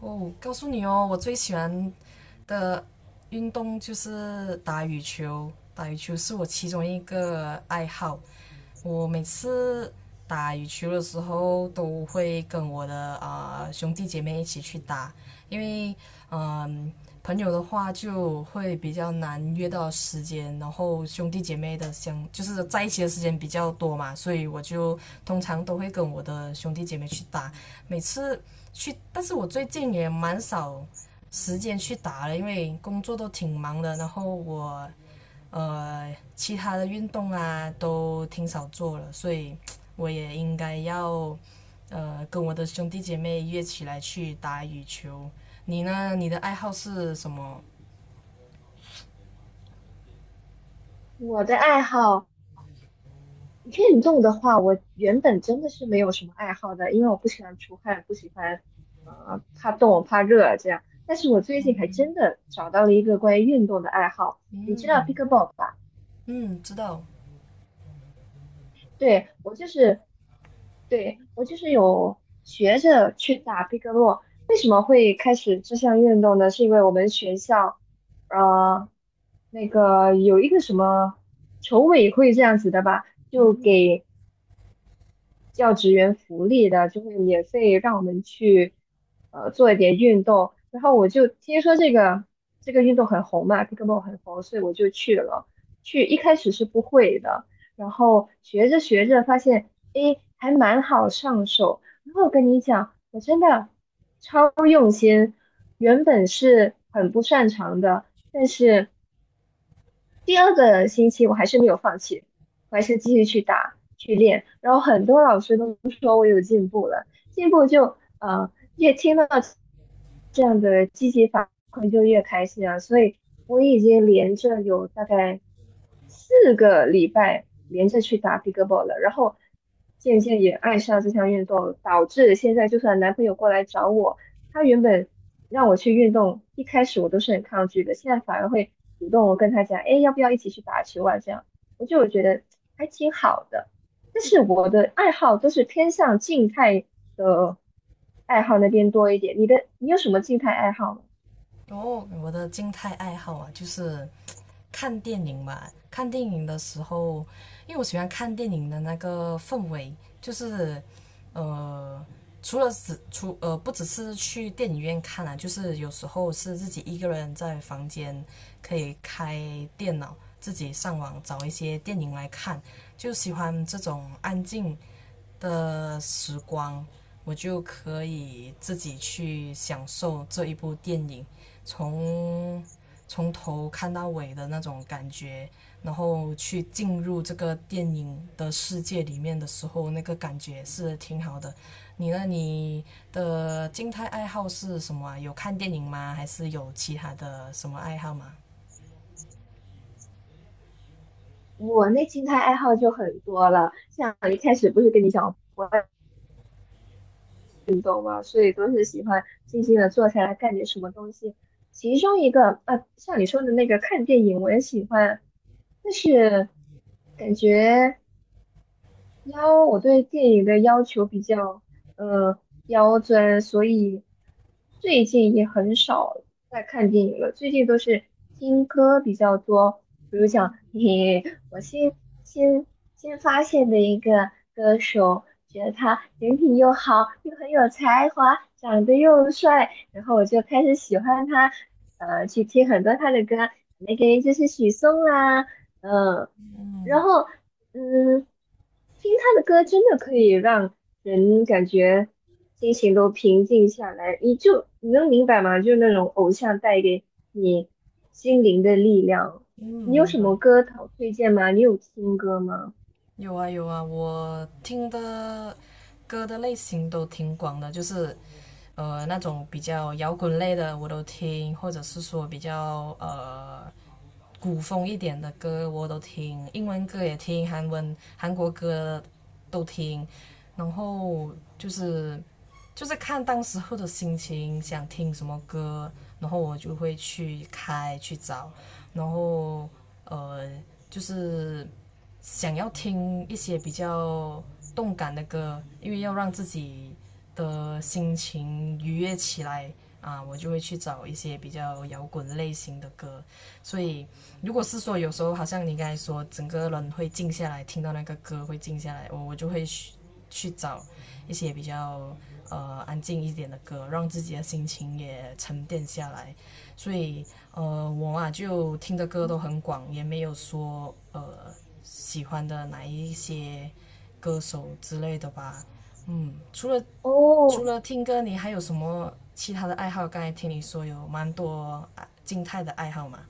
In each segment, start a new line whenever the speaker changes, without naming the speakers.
哦，告诉你哦，我最喜欢的运动就是打羽球，打羽球是我其中一个爱好。我每次打羽球的时候都会跟我的兄弟姐妹一起去打，因为嗯、呃朋友的话就会比较难约到时间，然后兄弟姐妹的相就是在一起的时间比较多嘛，所以我就通常都会跟我的兄弟姐妹去打。每次去，但是我最近也蛮少时间去打了，因为工作都挺忙的，然后我其他的运动啊都挺少做了，所以我也应该要跟我的兄弟姐妹约起来去打羽球。你呢？你的爱好是什么？
我的爱好，运动的话，我原本真的是没有什么爱好的，因为我不喜欢出汗，不喜欢，怕冻、怕热这样。但是我最近还
嗯
真的找到了一个关于运动的爱好，你知道
嗯
pickleball 吧？
嗯，知道。
对，我就是，对，我就是有学着去打 pickleball。为什么会开始这项运动呢？是因为我们学校，呃，那个有一个什么筹委会这样子的吧，就给教职员福利的，就会免费让我们去做一点运动。然后我就听说这个运动很红嘛 picklebal 很红，所以我就去了。去一开始是不会的，然后学着学着发现，诶，还蛮好上手。然后我跟你讲，我真的超用心，原本是很不擅长的，但是。第二个星期我还是没有放弃，我还是继续去打去练，然后很多老师都说我有进步了，进步就越听到这样的积极反馈就越开心啊，所以我已经连着有大概4个礼拜连着去打 pickleball 了，然后渐渐也爱上这项运动，导致现在就算男朋友过来找我，他原本让我去运动，一开始我都是很抗拒的，现在反而会主动我跟他讲，哎，要不要一起去打球啊？这样，我就觉得还挺好的。但是我的爱好都是偏向静态的爱好那边多一点。你有什么静态爱好吗？
哦，我的静态爱好啊，就是看电影嘛，看电影的时候，因为我喜欢看电影的那个氛围，就是呃，除了只除不只是去电影院看啊，就是有时候是自己一个人在房间可以开电脑，自己上网找一些电影来看，就喜欢这种安静的时光，我就可以自己去享受这一部电影，从从头看到尾的那种感觉，然后去进入这个电影的世界里面的时候，那个感觉是挺好的。你呢？你的静态爱好是什么啊？有看电影吗？还是有其他的什么爱好吗？
我那静态爱好就很多了，像一开始不是跟你讲。我。所以都是喜欢静静的坐下来干点什么东西。其中一个啊，像你说的那个看电影，我也喜欢，但是感觉要我对电影的要求比较呃刁钻，所以最近也很少在看电影了。最近都是听歌比较多，比如讲嘿嘿新新发现的一个歌手，觉得他人品又好，又很有才华，长得又帅，然后我就开始喜欢他，去听很多他的歌，那个就是许嵩啦，嗯、然后嗯，听他的歌真的可以让人感觉心情都平静下来，你能明白吗？就是那种偶像带给你心灵的力量。
嗯，
你有
明
什
白。
么歌好推荐吗？你有听歌吗？
有啊有啊，我听的歌的类型都挺广的，就是那种比较摇滚类的我都听，或者是说比较古风一点的歌我都听，英文歌也听，韩文韩国歌都听，然后就是就是看当时候的心情，想听什么歌，然后我就会去开去找，然后呃就是想要听一些比较动感的歌，因为要让自己的心情愉悦起来啊，我就会去找一些比较摇滚类型的歌。所以，如果是说有时候好像你刚才说，整个人会静下来，听到那个歌会静下来，我就会去去找一些比较安静一点的歌，让自己的心情也沉淀下来。所以我啊就听的歌都很广，也没有说喜欢的哪一些歌手之类的吧。嗯，
哦，
除了听歌，你还有什么其他的爱好？刚才听你说有蛮多啊静态的爱好嘛。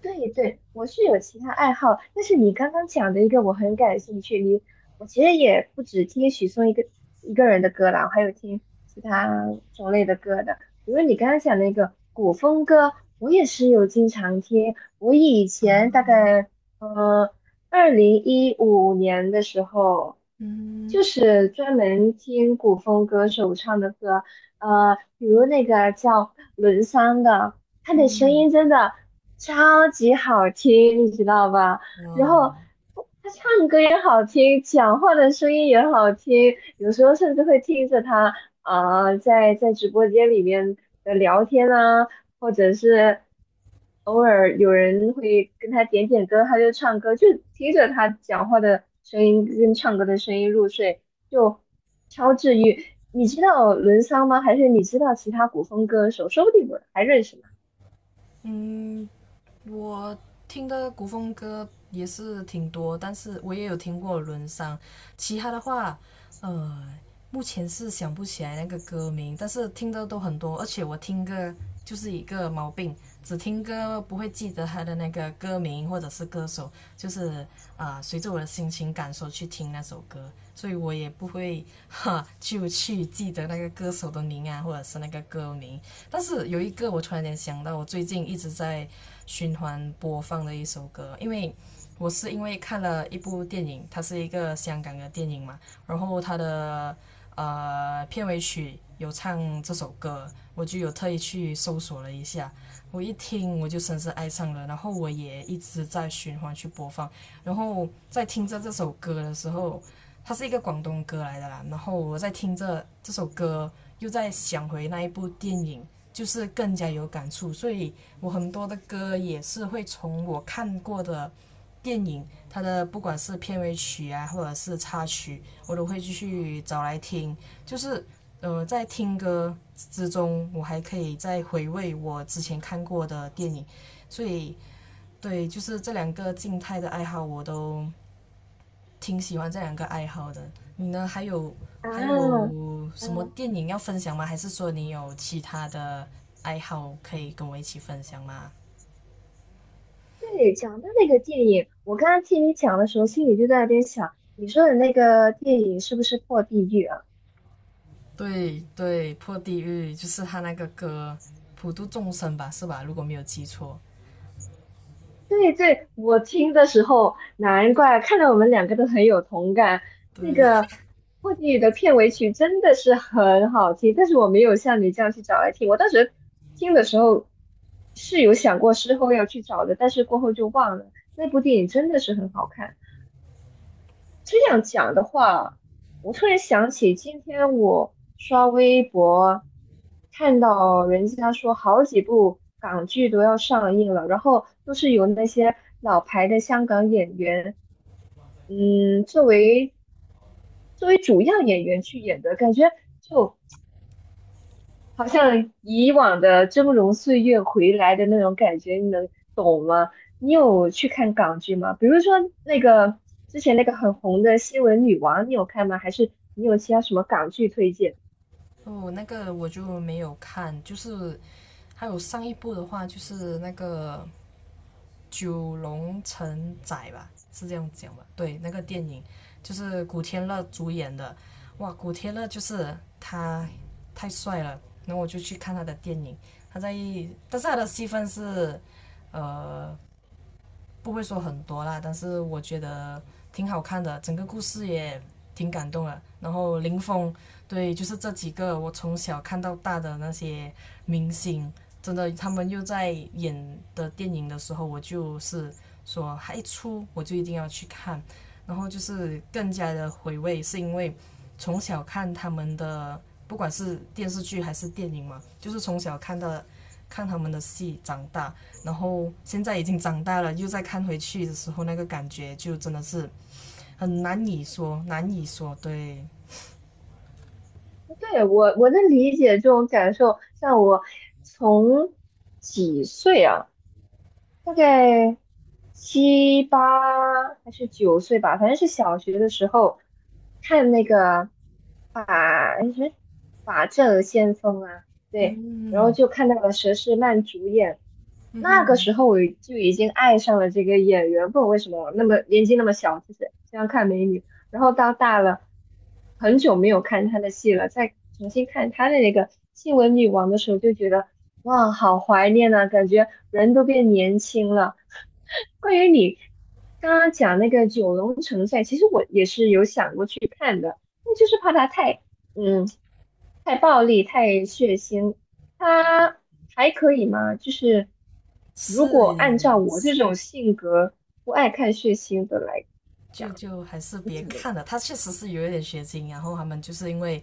对对，我是有其他爱好，但是你刚刚讲的一个我很感兴趣。我其实也不止听许嵩一个人的歌啦，我还有听其他种类的歌的。比如你刚刚讲那个古风歌，我也是有经常听。我以前大
哦，
概呃2015年的时候，
嗯
就是专门听古风歌手唱的歌，比如那个叫伦桑的。他的声
嗯，
音真的超级好听，你知道吧？然
哇，
后也好听，讲话的声音也好听，有时候甚至会听着他在直播间里面的聊天啊，或者是偶尔有人会跟他点点歌，他就唱歌，就听着他讲话的声音跟唱歌的声音入睡，就超治愈。你知道伦桑吗？还是你知道其他古风歌手？说不定我还认识。呢。
嗯，我听的古风歌也是挺多，但是我也有听过《轮商其他的话，呃，目前是想不起来那个歌名，但是听的都很多，而且我听歌就是一个毛病，只听歌不会记得他的那个歌名或者是歌手，就是随着我的心情感受去听那首歌，所以我也不会哈就去记得那个歌手的名啊，或者是那个歌名。但是有一个我突然间想到，我最近一直在循环播放的一首歌，因为我是因为看了一部电影，它是一个香港的电影嘛，然后它的片尾曲有唱这首歌，我就有特意去搜索了一下，我一听我就深深爱上了，然后我也一直在循环去播放，然后在听着这首歌的时候，它是一个广东歌来的啦，然后我在听着这首歌，又在想回那一部电影，就是更加有感触，所以我很多的歌也是会从我看过的电影，它的不管是片尾曲啊，或者是插曲，我都会继续找来听。就是在听歌之中，我还可以再回味我之前看过的电影，所以对，就是这两个静态的爱好，我都挺喜欢这两个爱好的。你呢？还
啊，
有什么
嗯，
电影要分享吗？还是说你有其他的爱好可以跟我一起分享吗？
对，讲的那个电影，我刚刚听你讲的时候，心里就在那边想，你说的那个电影是不是破地狱啊？
对对，破地狱就是他那个歌，普度众生吧，是吧？如果没有记错，
对对，我听的时候，难怪看到我们两个都很有同感。那
对
个破地狱的片尾曲真的是很好听，但是我没有像你这样去找来听。我当时听的时候是有想过事后要去找的，但是过后就忘了。那部电影真的是很好看。这样讲的话，我突然想起今天我刷微博，看到人家说好几部港剧都要上映了，然后都是由那些老牌的香港演员，嗯，作为主要演员去演的，感觉就好像以往的峥嵘岁月回来的那种感觉，你能懂吗？你有去看港剧吗？比如说那个之前那个很红的《新闻女王》，你有看吗？还是你有其他什么港剧推荐？
哦，那个我就没有看，就是还有上一部的话，就是那个九龙城寨吧，是这样讲吧？对，那个电影就是古天乐主演的，哇，古天乐就是他太帅了，然后我就去看他的电影，他在，但是他的戏份是，呃。不会说很多啦，但是我觉得挺好看的，整个故事也挺感动的。然后林峰，对，就是这几个我从小看到大的那些明星，真的他们又在演的电影的时候，我就是说，还一出我就一定要去看，然后就是更加的回味，是因为从小看他们的，不管是电视剧还是电影嘛，就是从小看到看他们的戏长大，然后现在已经长大了，又再看回去的时候，那个感觉就真的是很难以说。对，
对，我能理解这种感受，像我从几岁啊？大概7、8还是9岁吧，反正是小学的时候看那个法哎什么法证先锋啊，对，然后就看到了佘诗曼主演那个时候我就已经爱上了这个演员，不懂为什么那么年纪那么小，就是这样看美女。然后到大了，很久没有看她的戏了，再重新看她的那个《新闻女王》的时候，就觉得哇，好怀念呐、感觉人都变年轻了。关于你刚刚讲那个九龙城寨，其实我也是有想过去看的，那就是怕它嗯太暴力、太血腥，他还可以吗？就是如
是，
果按照我这种性格不爱看血腥的来
就
讲，
就还是
你
别
怎么？
看了。他确实是有一点血腥啊，然后他们就是因为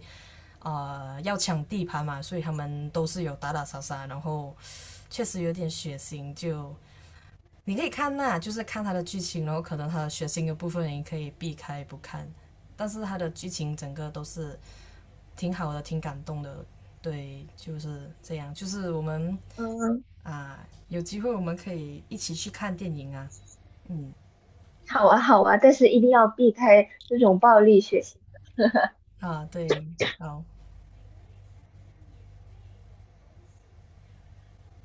要抢地盘嘛，所以他们都是有打打杀杀，然后确实有点血腥。就你可以看那、就是看它的剧情，然后可能它的血腥的部分你可以避开不看，但是它的剧情整个都是挺好的，挺感动的。对，就是这样，就是我们
嗯，
啊、有机会我们可以一起去看电影啊。嗯，
好啊，好啊，但是一定要避开这种暴力血腥。
啊，对，好。